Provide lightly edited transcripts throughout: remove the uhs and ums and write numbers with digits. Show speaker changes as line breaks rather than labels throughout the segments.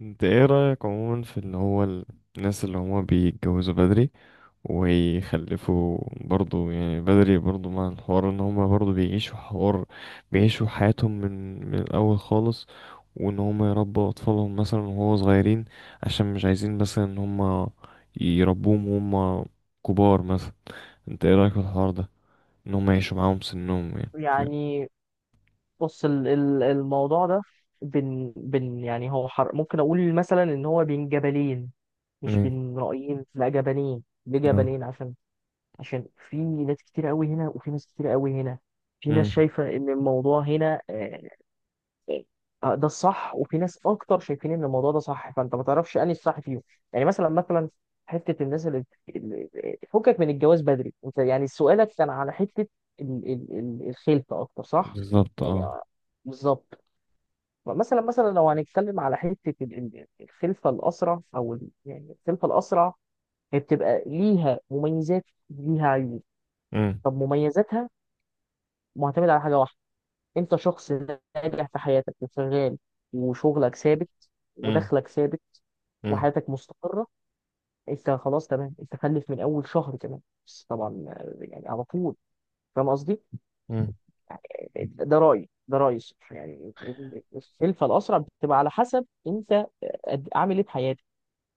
انت ايه رأيك عموما في اللي هو الناس اللي هما بيتجوزوا بدري ويخلفوا برضو، يعني بدري؟ برضو مع الحوار ان هما برضو بيعيشوا حياتهم من الاول خالص، وان هما يربوا اطفالهم مثلا وهو صغيرين، عشان مش عايزين مثلا ان هما يربوهم وهما كبار مثلا. انت ايه رأيك في الحوار ده، ان هما يعيشوا معاهم سنهم؟ يعني فاهم؟
يعني، بص، الموضوع ده بين بين، يعني هو حر. ممكن اقول مثلا ان هو بين جبلين، مش
امم.
بين رأيين، لا جبلين. ليه
اه.
جبلين؟ عشان في ناس كتير قوي هنا، وفي ناس كتير قوي هنا. في ناس
امم.
شايفة ان الموضوع هنا ده الصح، وفي ناس اكتر شايفين ان الموضوع ده صح، فانت ما تعرفش انهي الصح فيهم. يعني مثلا مثلا، حته الناس فكك من الجواز بدري، انت يعني سؤالك كان على حته الخلفه اكتر، صح؟
بالظبط
يعني
اه.
بالظبط. مثلا مثلا لو هنتكلم على حته الخلفه الاسرع، او يعني الخلفه الاسرع، هي بتبقى ليها مميزات، ليها عيوب.
امم.
طب مميزاتها معتمده على حاجه واحده: انت شخص ناجح في حياتك وشغال، وشغلك ثابت، ودخلك ثابت،
امم.
وحياتك مستقرة، انت خلاص تمام، انت خلف من اول شهر كمان، بس طبعا يعني على طول. فاهم قصدي؟ ده رأيي، ده رأيي الصراحة. يعني الخلفة الأسرع بتبقى على حسب انت عامل ايه في حياتك،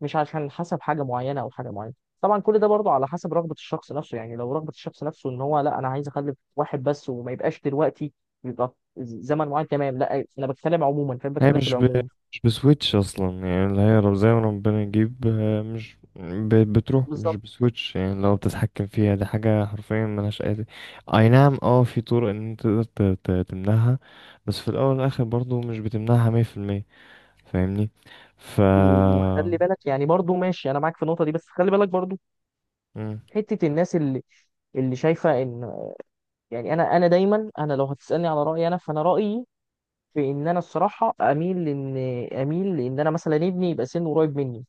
مش عشان حسب حاجه معينه او حاجه معينه. طبعا كل ده برضه على حسب رغبه الشخص نفسه. يعني لو رغبه الشخص نفسه ان هو لا، انا عايز اخلف واحد بس وما يبقاش دلوقتي، يبقى زمن معين، تمام. لا انا بتكلم عموما، فاهم،
هي
بتكلم في العموم.
مش بسويتش اصلا، يعني اللي هي زي ما ربنا يجيب، مش ب... بتروح، مش
بالظبط.
بسويتش، يعني لو بتتحكم فيها دي حاجة حرفيا ملهاش اي اي نعم اه، في طرق ان انت تقدر تمنعها، بس في الاول والاخر برضو مش بتمنعها 100%. فاهمني؟ ف
وخلي بالك يعني برضه، ماشي انا معاك في النقطه دي، بس خلي بالك برضه
مم.
حته الناس اللي شايفه ان، يعني انا دايما، انا لو هتسالني على رايي انا، فانا رايي في ان انا الصراحه اميل ان، اميل ان انا مثلا ابني يبقى سنه قريب مني.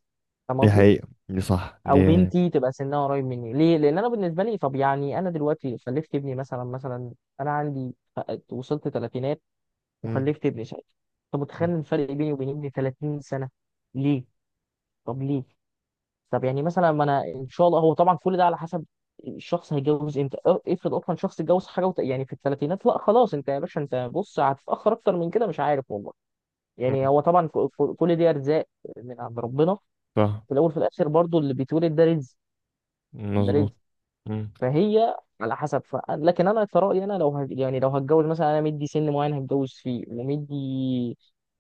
فاهم
دي
قصدي؟
حقيقة، دي صح
او
دي.
بنتي تبقى سنها قريب مني. ليه؟ لان انا بالنسبه لي، طب يعني انا دلوقتي خلفت ابني مثلا مثلا، انا عندي، وصلت ثلاثينات
مم.
وخلفت ابني، ساعتها انت متخيل
مم.
الفرق بيني وبين ابني 30 سنه؟ ليه؟ طب ليه؟ طب يعني مثلا، ما انا ان شاء الله، هو طبعا كل ده على حسب الشخص هيتجوز امتى. افرض اصلا شخص اتجوز حاجه يعني في الثلاثينات، لا خلاص انت يا باشا، انت بص، هتتاخر اكتر من كده، مش عارف والله. يعني
مم.
هو طبعا كل دي ارزاق من عند ربنا،
صح.
في الاول في الاخر برضو اللي بيتولد ده رزق، ده رزق.
مظبوط. مم.
فهي على حسب لكن انا كرأيي انا، لو يعني لو هتجوز مثلا، انا مدي سن معين هتجوز فيه، ومدي،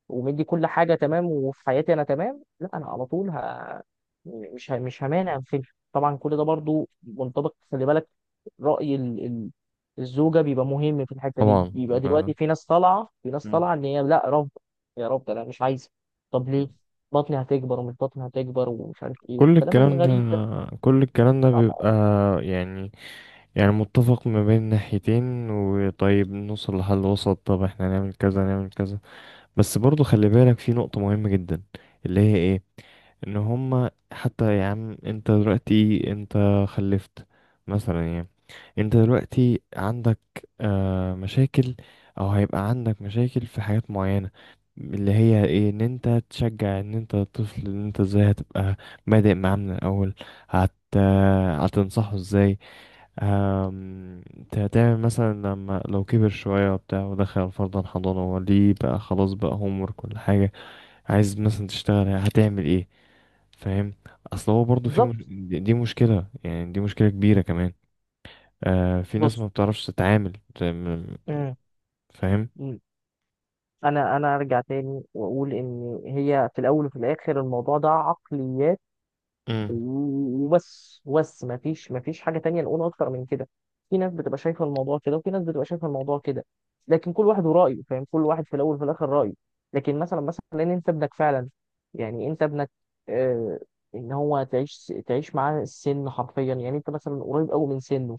ومدي كل حاجه تمام وفي حياتي انا تمام، لا انا على طول مش مش همانع في. طبعا كل ده برضو منطبق، خلي بالك، رأي الزوجه بيبقى مهم في الحته دي.
طبعا.
بيبقى
آه.
دلوقتي في ناس طالعه، في ناس
مم.
طالعه ان هي لا، رفض، يا رب انا مش عايزه. طب ليه؟ بطني هتكبر، ومش بطني هتكبر، ومش عارف ايه،
كل
والكلام
الكلام ده
الغريب ده.
كل الكلام ده بيبقى، يعني يعني متفق ما بين ناحيتين، وطيب نوصل لحل وسط، طب احنا نعمل كذا نعمل كذا. بس برضو خلي بالك في نقطة مهمة جدا، اللي هي ايه؟ ان هما حتى، يا عم انت دلوقتي انت خلفت مثلا يعني، انت دلوقتي عندك مشاكل او هيبقى عندك مشاكل في حاجات معينة، اللي هي ايه؟ ان انت تشجع، ان انت الطفل، ان انت ازاي هتبقى بادئ معاه من الاول. هت هتنصحه ازاي؟ انت هتعمل مثلا لما لو كبر شوية وبتاع ودخل فرضا حضانة، هو ليه بقى خلاص بقى هوم ورك كل حاجة؟ عايز مثلا تشتغل هتعمل ايه؟ فاهم؟ اصل هو برضه في
بالظبط.
مش... دي مشكلة، يعني دي مشكلة كبيرة كمان. آه، في ناس
بص.
ما بتعرفش تتعامل زي ما-
امم.
فاهم؟
مم. انا ارجع تاني واقول ان هي في الاول وفي الاخر الموضوع ده عقليات،
امم.
وبس، ما فيش حاجه تانية نقول اكتر من كده. في ناس بتبقى شايفه الموضوع كده، وفي ناس بتبقى شايفه الموضوع كده، لكن كل واحد ورايه، فاهم، كل واحد في الاول وفي الاخر رايه. لكن مثلا مثلا لان انت ابنك فعلا، يعني انت ابنك، آه، ان هو تعيش تعيش معاه السن حرفيا، يعني انت مثلا قريب قوي من سنه،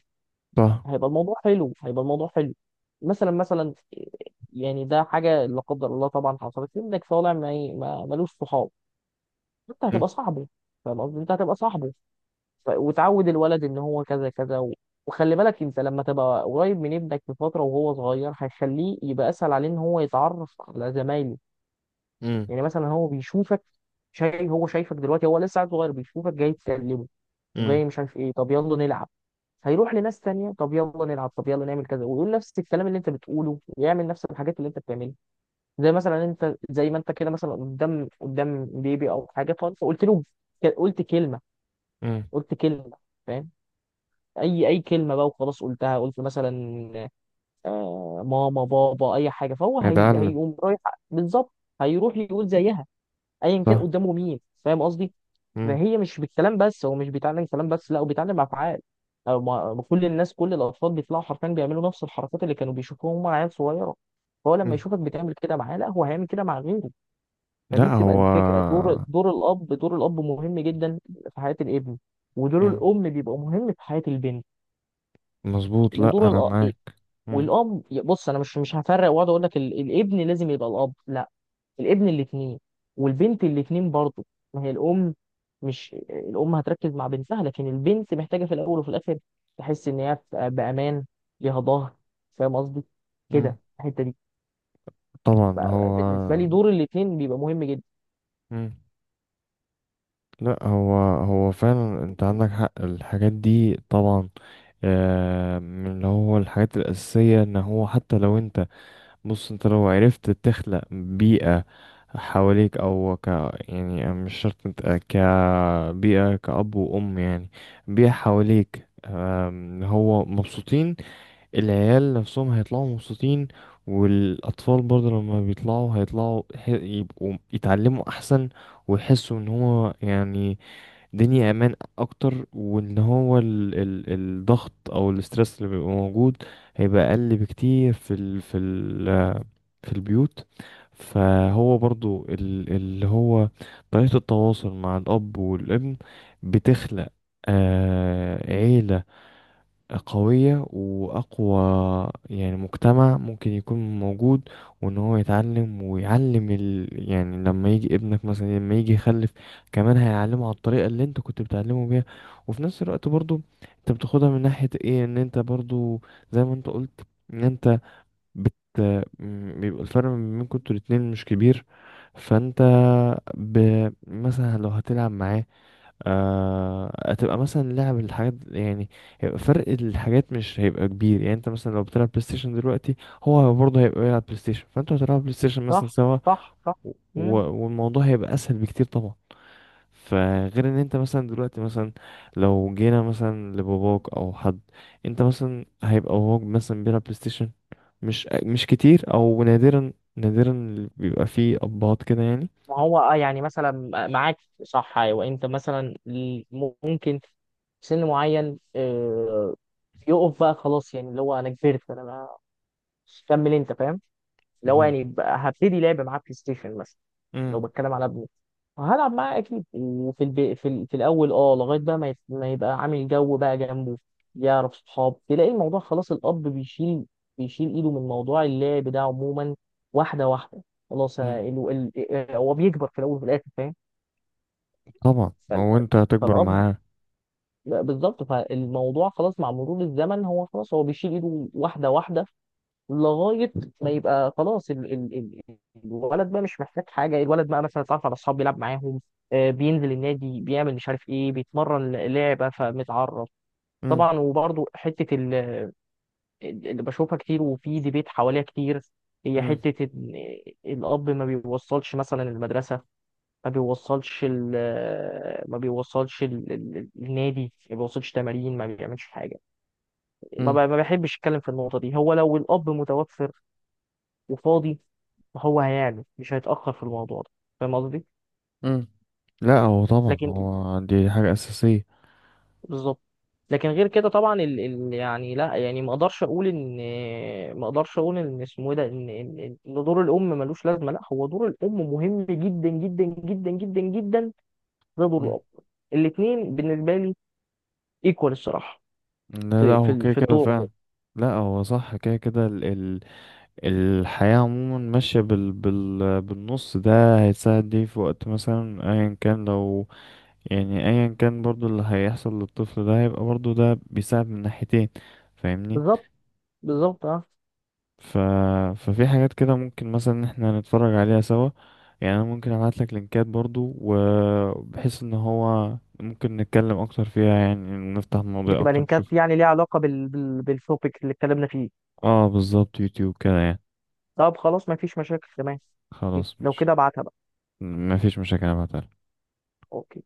صح.
هيبقى الموضوع حلو، هيبقى الموضوع حلو. مثلا مثلا يعني ده حاجه لا قدر الله طبعا حصلت لي، انك طالع ملوش صحاب، انت
امم.
هتبقى صاحبه. فاهم قصدي، انت هتبقى صاحبه. وتعود الولد ان هو كذا كذا وخلي بالك، انت لما تبقى قريب من ابنك في فتره وهو صغير، هيخليه يبقى اسهل عليه ان هو يتعرف على زمايله.
امم.
يعني مثلا هو بيشوفك، شايف، هو شايفك دلوقتي هو لسه عيل صغير، بيشوفك جاي تكلمه،
امم.
وجاي مش عارف ايه، طب يلا نلعب. هيروح لناس تانية، طب يلا نلعب، طب يلا نعمل كذا، ويقول نفس الكلام اللي انت بتقوله، ويعمل نفس الحاجات اللي انت بتعملها. زي مثلا انت، زي ما انت كده مثلا، قدام قدام بيبي او حاجه، فانت قلت له، قلت كلمه،
امم.
قلت كلمه، فاهم، اي كلمه بقى وخلاص، قلتها قلت مثلا آه ماما بابا اي حاجه، فهو هي
اتعلم.
هيقوم رايح. بالظبط. هيروح يقول زيها ايا كان
صح.
قدامه مين، فاهم قصدي.
امم.
فهي مش بالكلام بس، هو مش بيتعلم كلام بس، لا هو بيتعلم افعال. أو ما كل الناس كل الاطفال بيطلعوا حرفيا بيعملوا نفس الحركات اللي كانوا بيشوفوها هم عيال صغيره. فهو لما
امم.
يشوفك بتعمل كده معاه، لا هو هيعمل كده مع غيره. فدي
لا
بتبقى
هو.
الفكره، دور الاب، دور الاب مهم جدا في حياه الابن، ودور
امم.
الام بيبقى مهم في حياه البنت.
مظبوط، لا
ودور
انا
الأ...
معاك. امم.
والاب، بص، انا مش هفرق واقعد اقول لك الابن لازم يبقى الاب، لا، الابن الاتنين، والبنت الاتنين برضه. ما هي الام، مش الام هتركز مع بنتها، لكن البنت محتاجه في الاول وفي الاخر تحس ان هي بامان، ليها ظهر، فاهم قصدي؟
امم.
كده الحته دي. ف-
طبعا هو.
بالنسبه لي دور الاتنين بيبقى مهم جدا.
مم. لا هو، هو فعلا انت عندك حق الحاجات دي طبعا. من اللي هو الحاجات الأساسية، ان هو حتى لو انت، بص انت لو عرفت تخلق بيئة حواليك او ك يعني، مش شرط انت كبيئة كأب وأم، يعني بيئة حواليك. هو مبسوطين، العيال نفسهم هيطلعوا مبسوطين، والأطفال برضه لما بيطلعوا هيطلعوا يبقوا يتعلموا أحسن، ويحسوا ان هو يعني الدنيا امان اكتر، وان هو ال ال الضغط او الاسترس اللي بيبقى موجود هيبقى اقل بكتير في ال في ال في البيوت. فهو برضو اللي هو طريقة التواصل مع الاب والابن بتخلق عيلة قوية وأقوى، يعني مجتمع ممكن يكون موجود. وإن هو يتعلم ويعلم يعني لما يجي ابنك مثلا، لما يجي يخلف كمان هيعلمه على الطريقة اللي أنت كنت بتعلمه بيها. وفي نفس الوقت برضو أنت بتاخدها من ناحية إيه؟ إن أنت برضو، زي ما أنت قلت، إن أنت بت... بيبقى الفرق ما بينكم انتوا الاتنين مش كبير. فأنت ب... مثلا لو هتلعب معاه، هتبقى مثلا لعب الحاجات، يعني هيبقى فرق الحاجات مش هيبقى كبير. يعني انت مثلا لو بتلعب بلاي ستيشن دلوقتي، هو برضه هيبقى بيلعب بلاي ستيشن، فانتوا هتلعبوا بلاي ستيشن مثلا
صح،
سوا،
صح، صح.
و-
مم.
والموضوع هيبقى اسهل بكتير طبعا. فغير ان انت مثلا دلوقتي مثلا، لو جينا مثلا لباباك او حد، انت مثلا هيبقى باباك مثلا بيلعب بلاي ستيشن؟ مش كتير، او نادرا نادرا اللي بيبقى فيه ابهات كده يعني.
ما هو اه، يعني مثلا، معاك. صح، ايوه، انت مثلا ممكن في سن معين يقف بقى خلاص، يعني اللي هو انا كبرت، انا كمل انت، فاهم، اللي هو
مم.
يعني بقى هبتدي لعب معاه بلاي ستيشن مثلا. لو
مم.
بتكلم على ابني فهلعب معاه اكيد. وفي في الاول اه، لغايه بقى ما يبقى عامل جو بقى جنبه، يعرف صحاب، تلاقي الموضوع خلاص الاب بيشيل ايده من موضوع اللعب ده عموما، واحده واحده. خلاص،
مم.
أنا ال... ال... آه، هو بيكبر في الاول وفي الاخر، فاهم.
طبعا
فال-
هو، انت هتكبر
فالاب،
معاه.
لا، بالظبط، فالموضوع خلاص مع مرور الزمن هو خلاص هو بيشيل ايده واحده واحده لغايه ما يبقى خلاص ال ال ال الولد بقى مش محتاج حاجه، الولد بقى مثلا اتعرف على اصحاب بيلعب معاهم، آه، بينزل النادي، بيعمل مش عارف ايه، بيتمرن لعبه فمتعرف. طبعا. وبرضه حته اللي بشوفها كتير وفي ديبيت حواليها كتير، هي
مم.
حته إن الاب ما بيوصلش مثلا المدرسه، ما بيوصلش ال، ما بيوصلش النادي، ما بيوصلش تمارين، ما بيعملش حاجه.
مم.
ما بحبش اتكلم في النقطه دي. هو لو الاب متوفر وفاضي فهو هيعمل، مش هيتأخر في الموضوع ده، فاهم قصدي؟
مم. لا هو، طبعا
لكن
هو دي حاجة أساسية.
بالظبط. لكن غير كده طبعا يعني لا، يعني ما اقدرش اقول ان، ما اقدرش اقول ان اسمه ايه ده ان إن دور الام ملوش لازمه. لا، هو دور الام مهم جدا، جدا جدا جدا جدا، زي دور
مم.
الاب. الاثنين بالنسبه لي ايكوال الصراحه
لا لا
في، في
هو كده
في
كده
الدور عموما.
فعلا. لا هو صح، كده كده ال ال الحياة عموما ماشية بالنص ده، هيتساعد ليه في وقت مثلا أيا كان، لو يعني أيا كان برضو اللي هيحصل للطفل ده هيبقى برضو، ده بيساعد من ناحيتين. فاهمني؟
بالظبط، بالظبط اه.
ف... ففي حاجات كده ممكن مثلا ان احنا نتفرج عليها سوا، يعني انا ممكن ابعت لك لينكات برضو، وبحيث ان هو ممكن نتكلم اكتر فيها، يعني نفتح مواضيع
بتبقى
اكتر نشوف.
لينكات يعني ليها علاقه بالتوبيك اللي اتكلمنا فيه؟
اه بالظبط، يوتيوب كده يعني.
طب خلاص ما فيش مشاكل، تمام. أوكي،
خلاص
لو
مش
كده ابعتها بقى.
مفيش مشاكل، ابعتها.
اوكي.